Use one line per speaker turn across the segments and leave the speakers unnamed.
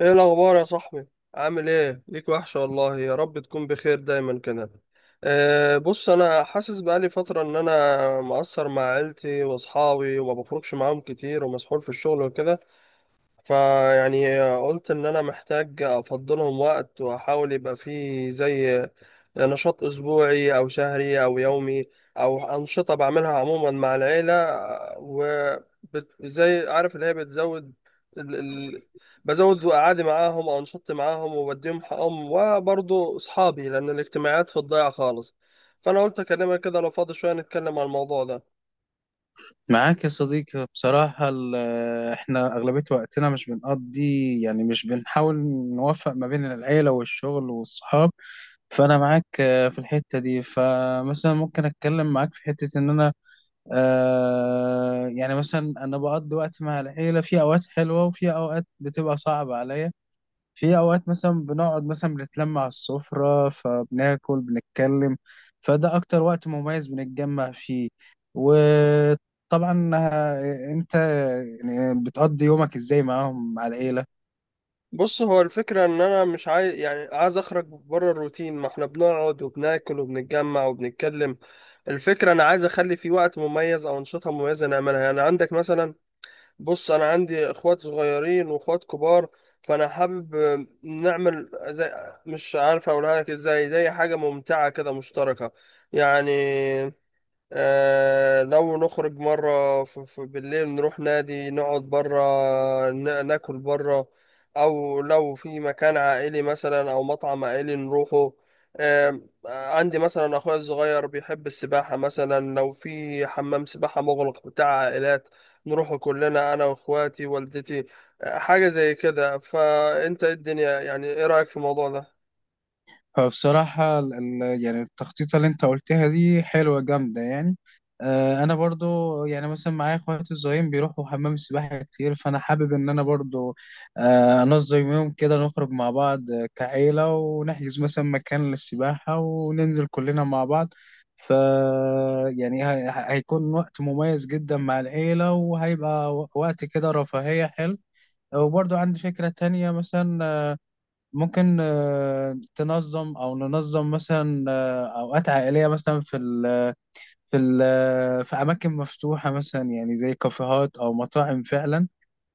ايه الاخبار يا صاحبي؟ عامل ايه؟ ليك وحشه والله، يا رب تكون بخير دايما كده. أه، بص انا حاسس بقالي فتره ان انا مقصر مع عيلتي واصحابي وما بخرجش معاهم كتير ومسحول في الشغل وكده. فيعني قلت ان انا محتاج افضلهم وقت واحاول يبقى فيه زي نشاط أسبوعي أو شهري أو يومي، أو أنشطة بعملها عموما مع العيلة. وزي عارف اللي هي بتزود ال... ال... بزود قعدي معاهم أو أنشطتي معاهم وبديهم حقهم وبرضه أصحابي، لأن الاجتماعات في الضيعة خالص. فأنا قلت أكلمك كده لو فاضي شوية نتكلم عن الموضوع ده.
معاك يا صديقي، بصراحة احنا أغلبية وقتنا مش بنقضي، مش بنحاول نوفق ما بين العيلة والشغل والصحاب. فأنا معاك في الحتة دي. فمثلا ممكن أتكلم معاك في حتة إن أنا مثلا أنا بقضي وقت مع العيلة في أوقات حلوة وفي أوقات بتبقى صعبة عليا. في اوقات مثلا بنقعد، مثلا بنتلم على السفرة فبناكل بنتكلم، فده اكتر وقت مميز بنتجمع فيه. وطبعا انت يعني بتقضي يومك ازاي معاهم مع العيلة؟
بص هو الفكرة إن أنا مش عايز، يعني عايز أخرج بره الروتين، ما إحنا بنقعد وبناكل وبنتجمع وبنتكلم. الفكرة أنا عايز أخلي في وقت مميز أو أنشطة مميزة نعملها. يعني عندك مثلا، بص أنا عندي إخوات صغيرين وإخوات كبار، فأنا حابب نعمل زي، مش عارف أقولها لك إزاي، زي حاجة ممتعة كده مشتركة. يعني لو نخرج مرة بالليل نروح نادي نقعد برا، ناكل برا، أو لو في مكان عائلي مثلا أو مطعم عائلي نروحه. آه عندي مثلا أخويا الصغير بيحب السباحة، مثلا لو في حمام سباحة مغلق بتاع عائلات نروحه كلنا، أنا وإخواتي والدتي. حاجة زي كده. فأنت إيه الدنيا؟ يعني إيه رأيك في الموضوع ده؟
فبصراحة التخطيطة اللي انت قلتها دي حلوة جامدة يعني. انا برضو يعني مثلا معايا اخواتي الصغيرين بيروحوا حمام السباحة كتير، فانا حابب ان انا برضو انظم يوم كده نخرج مع بعض كعيلة، ونحجز مثلا مكان للسباحة وننزل كلنا مع بعض. ف يعني هيكون وقت مميز جدا مع العيلة، وهيبقى وقت كده رفاهية حلو. وبرضو عندي فكرة تانية مثلا، ممكن تنظم او ننظم مثلا اوقات عائليه مثلا في ال في ال آه، في اماكن مفتوحه مثلا، يعني زي كافيهات او مطاعم فعلا،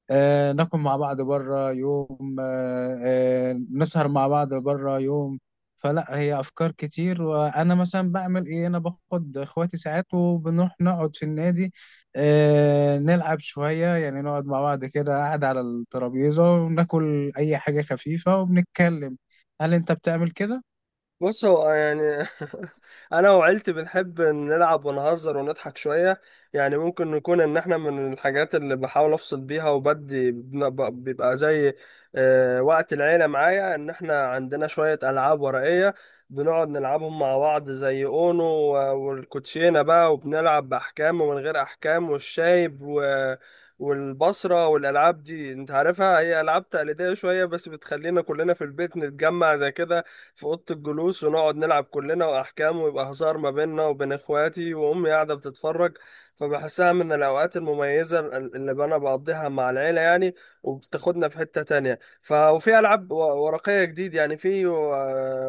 ناكل مع بعض بره يوم، نسهر مع بعض بره يوم. فلا هي افكار كتير، وانا مثلا بعمل ايه؟ انا باخد اخواتي ساعات وبنروح نقعد في النادي نلعب شوية، يعني نقعد مع بعض كده قاعد على الترابيزة وناكل اي حاجة خفيفة وبنتكلم. هل انت بتعمل كده؟
بص هو يعني انا وعيلتي بنحب نلعب ونهزر ونضحك شويه. يعني ممكن نكون ان احنا من الحاجات اللي بحاول افصل بيها، وبدي بيبقى زي وقت العيله معايا، ان احنا عندنا شويه العاب ورقيه بنقعد نلعبهم مع بعض، زي اونو والكوتشينه بقى، وبنلعب باحكام ومن غير احكام، والشايب و والبصرة، والألعاب دي أنت عارفها هي ألعاب تقليدية شوية، بس بتخلينا كلنا في البيت نتجمع زي كده في اوضه الجلوس، ونقعد نلعب كلنا واحكام، ويبقى هزار ما بيننا وبين اخواتي، وامي قاعده بتتفرج. فبحسها من الاوقات المميزه اللي انا بقضيها مع العيله يعني. وبتاخدنا في حته تانية، وفي العاب ورقيه جديد يعني. في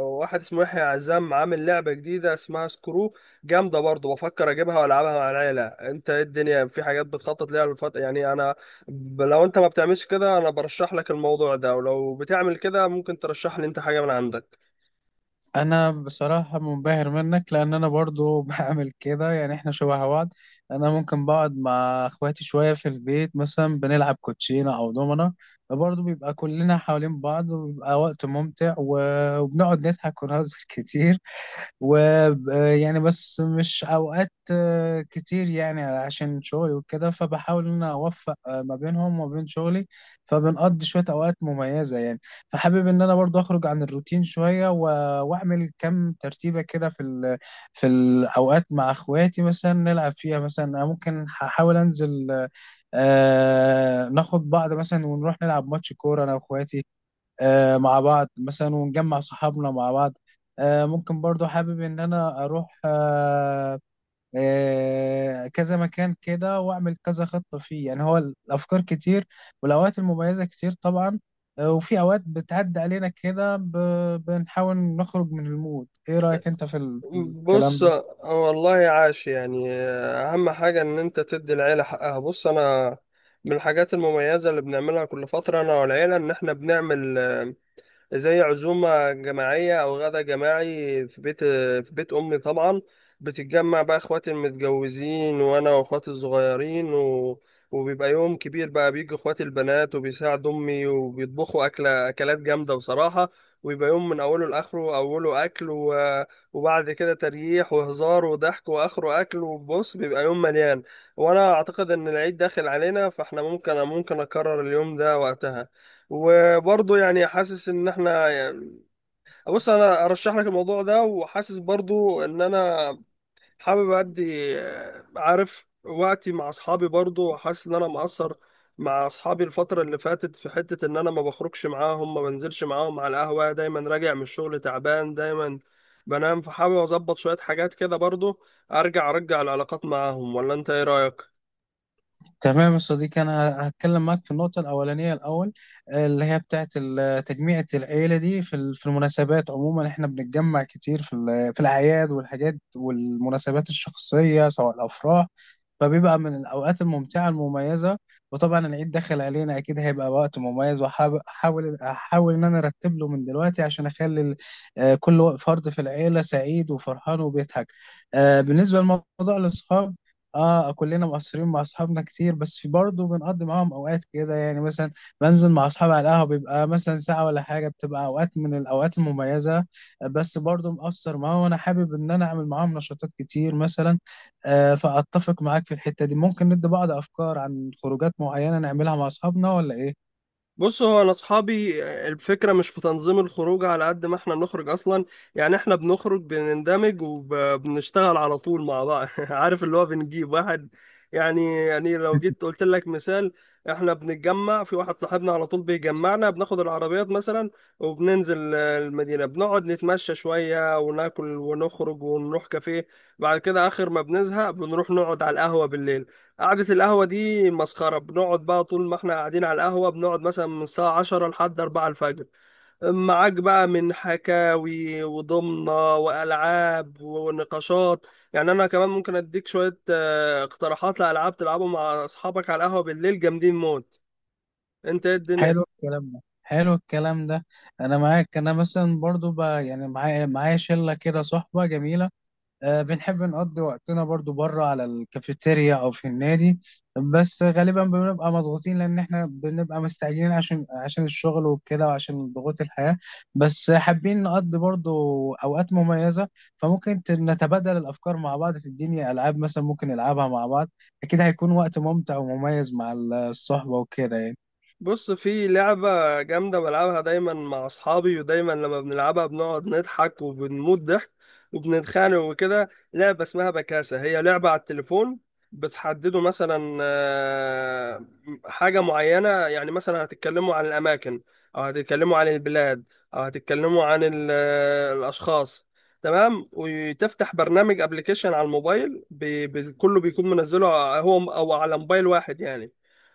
واحد اسمه يحيى عزام عامل لعبه جديده اسمها سكرو، جامده برضه، بفكر اجيبها والعبها مع العيله. انت ايه الدنيا؟ في حاجات بتخطط ليها الفتره؟ يعني انا، لو انت ما بتعملش كده انا برشح لك الموضوع ده، ولو بتعمل كده ممكن ترشح لي انت حاجة من عندك.
انا بصراحة منبهر منك، لان انا برضو بعمل كده. يعني احنا شبه بعض. انا ممكن بقعد مع اخواتي شوية في البيت مثلا بنلعب كوتشينة او دومنة، برضو بيبقى كلنا حوالين بعض وبيبقى وقت ممتع وبنقعد نضحك ونهزر كتير. ويعني بس مش اوقات كتير، يعني عشان شغلي وكده، فبحاول ان انا اوفق ما بينهم وما بين شغلي، فبنقضي شوية اوقات مميزة يعني. فحابب ان انا برضو اخرج عن الروتين شوية واعمل كم ترتيبة كده في الاوقات مع اخواتي، مثلا نلعب فيها. مثلا أنا ممكن هحاول انزل ناخد بعض مثلا ونروح نلعب ماتش كورة انا واخواتي مع بعض، مثلا ونجمع صحابنا مع بعض. ممكن برضو حابب ان انا اروح كذا مكان كده واعمل كذا خطة فيه. يعني هو الافكار كتير والاوقات المميزة كتير طبعا. وفي اوقات بتعدي علينا كده بنحاول نخرج من المود. ايه رأيك انت في الكلام
بص
ده؟
والله عاش. يعني اهم حاجة ان انت تدي العيلة حقها. بص انا من الحاجات المميزة اللي بنعملها كل فترة انا والعيلة ان احنا بنعمل زي عزومة جماعية أو غدا جماعي في بيت في بيت أمي طبعا. بتتجمع بقى إخواتي المتجوزين وأنا وإخواتي الصغيرين، وبيبقى يوم كبير بقى، بيجي إخواتي البنات وبيساعدوا أمي وبيطبخوا أكلة، أكلات جامدة بصراحة. ويبقى يوم من أوله لآخره، أوله أكل وبعد كده تريح وهزار وضحك، وآخره أكل. وبص بيبقى يوم مليان. وأنا أعتقد إن العيد داخل علينا فإحنا ممكن أكرر اليوم ده وقتها. وبرضه يعني حاسس ان احنا يعني، بص انا ارشح لك الموضوع ده، وحاسس برضه ان انا حابب ادي عارف وقتي مع اصحابي، برضه حاسس ان انا مقصر مع اصحابي الفترة اللي فاتت، في حتة ان انا ما بخرجش معاهم، ما بنزلش معاهم على القهوة، دايما راجع من الشغل تعبان، دايما بنام، فحابب اظبط شوية حاجات كده برضه ارجع العلاقات معاهم. ولا انت ايه رأيك؟
تمام يا صديقي، انا هتكلم معاك في النقطه الاولانيه الاول، اللي هي بتاعه تجميعة العيله دي في المناسبات. عموما احنا بنتجمع كتير في الاعياد والحاجات والمناسبات الشخصيه سواء الافراح، فبيبقى من الاوقات الممتعه المميزه. وطبعا العيد داخل علينا، اكيد هيبقى وقت مميز، وهحاول أحاول ان انا ارتب له من دلوقتي عشان اخلي كل فرد في العيله سعيد وفرحان وبيضحك. بالنسبه لموضوع الاصحاب، اه كلنا مقصرين مع اصحابنا كتير، بس في برضه بنقضي معاهم اوقات كده، يعني مثلا بنزل مع اصحابي على القهوه بيبقى مثلا ساعه ولا حاجه، بتبقى اوقات من الاوقات المميزه. بس برضه مقصر معاهم، وانا حابب ان انا اعمل معاهم نشاطات كتير مثلا. فاتفق معاك في الحته دي. ممكن ندي بعض افكار عن خروجات معينه نعملها مع اصحابنا ولا ايه؟
بص هو انا اصحابي الفكره مش في تنظيم الخروج على قد ما احنا بنخرج اصلا. يعني احنا بنخرج بنندمج وبنشتغل على طول مع بعض. عارف اللي هو بنجيب واحد، يعني لو جيت قلت لك مثال، احنا بنتجمع في واحد صاحبنا على طول بيجمعنا، بناخد العربيات مثلا وبننزل المدينه، بنقعد نتمشى شويه وناكل ونخرج ونروح كافيه. بعد كده اخر ما بنزهق بنروح نقعد على القهوه بالليل. قعدة القهوة دي مسخرة، بنقعد بقى طول ما احنا قاعدين على القهوة بنقعد مثلا من الساعة 10 لحد 4 الفجر معاك بقى، من حكاوي وضمنة وألعاب ونقاشات. يعني أنا كمان ممكن أديك شوية اقتراحات لألعاب تلعبوا مع أصحابك على القهوة بالليل، جامدين موت. أنت إيه الدنيا؟
حلو الكلام ده. حلو الكلام ده. انا معاك. انا مثلا برضو ب... يعني معايا شله كده صحبه جميله، بنحب نقضي وقتنا برضو بره على الكافيتيريا او في النادي. بس غالبا بنبقى مضغوطين لان احنا بنبقى مستعجلين عشان الشغل وكده وعشان ضغوط الحياة. بس حابين نقضي برضو اوقات مميزة. فممكن نتبادل الافكار مع بعض، تديني العاب مثلا ممكن نلعبها مع بعض، اكيد هيكون وقت ممتع ومميز مع الصحبة وكده يعني.
بص في لعبة جامدة بلعبها دايما مع أصحابي، ودايما لما بنلعبها بنقعد نضحك وبنموت ضحك وبنتخانق وكده. لعبة اسمها بكاسة، هي لعبة على التليفون. بتحددوا مثلا حاجة معينة، يعني مثلا هتتكلموا عن الأماكن، أو هتتكلموا عن البلاد، أو هتتكلموا عن الأشخاص. تمام. وتفتح برنامج أبليكيشن على الموبايل، بي بي كله بيكون منزله هو أو على موبايل واحد يعني.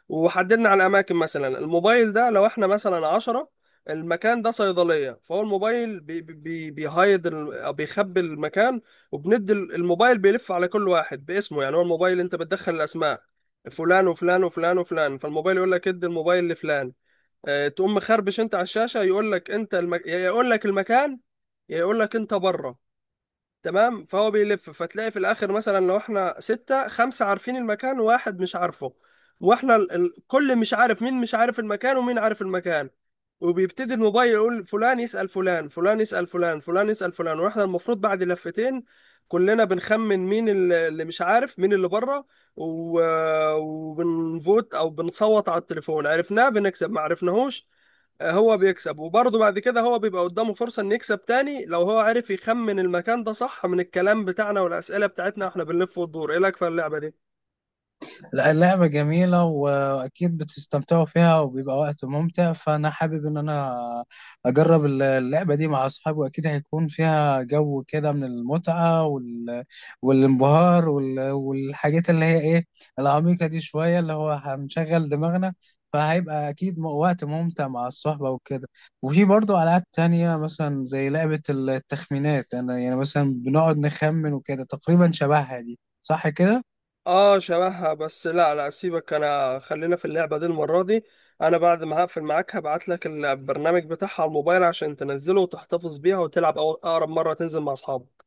وحددنا على الأماكن مثلا، الموبايل ده لو احنا مثلا 10، المكان ده صيدلية، فهو الموبايل بي بي بيهايد أو بيخبي المكان. وبندي الموبايل بيلف على كل واحد باسمه. يعني هو الموبايل انت بتدخل الأسماء، فلان وفلان وفلان وفلان، فالموبايل يقول لك ادي الموبايل لفلان. اه تقوم مخربش انت على الشاشة، يقول لك انت يا يقول لك المكان، يا يقول لك انت بره. تمام. فهو بيلف، فتلاقي في الاخر مثلا لو احنا ستة خمسة عارفين المكان وواحد مش عارفه، واحنا كل مش عارف مين مش عارف المكان ومين عارف المكان. وبيبتدي الموبايل يقول فلان يسأل فلان، فلان يسأل فلان، فلان يسأل فلان، واحنا المفروض بعد لفتين كلنا بنخمن مين اللي مش عارف، مين اللي بره. وبنفوت او بنصوت على التليفون، عرفناه بنكسب، ما عرفناهوش هو بيكسب. وبرضه بعد كده هو بيبقى قدامه فرصة ان يكسب تاني لو هو عرف يخمن المكان ده صح من الكلام بتاعنا والأسئلة بتاعتنا واحنا بنلف وندور. ايه لك في اللعبة دي؟
لا اللعبة جميلة، وأكيد بتستمتعوا فيها وبيبقى وقت ممتع. فأنا حابب إن أنا أجرب اللعبة دي مع أصحابي، وأكيد هيكون فيها جو كده من المتعة والانبهار والحاجات اللي هي إيه، العميقة دي شوية، اللي هو هنشغل دماغنا، فهيبقى أكيد وقت ممتع مع الصحبة وكده. وفي برضو ألعاب تانية مثلا زي لعبة التخمينات، أنا يعني مثلا بنقعد نخمن وكده، تقريبا شبهها دي، صح كده؟
اه شبهها، بس لا لا سيبك، انا خلينا في اللعبة دي المرة دي. انا بعد ما هقفل معاك هبعت لك البرنامج بتاعها على الموبايل عشان تنزله وتحتفظ بيها وتلعب اقرب مرة تنزل مع اصحابك.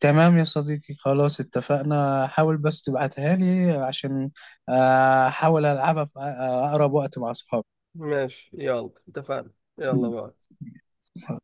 تمام يا صديقي، خلاص اتفقنا. حاول بس تبعتها لي عشان احاول العبها في اقرب وقت مع
ماشي، يلا اتفقنا. يلا بقى.
اصحابي.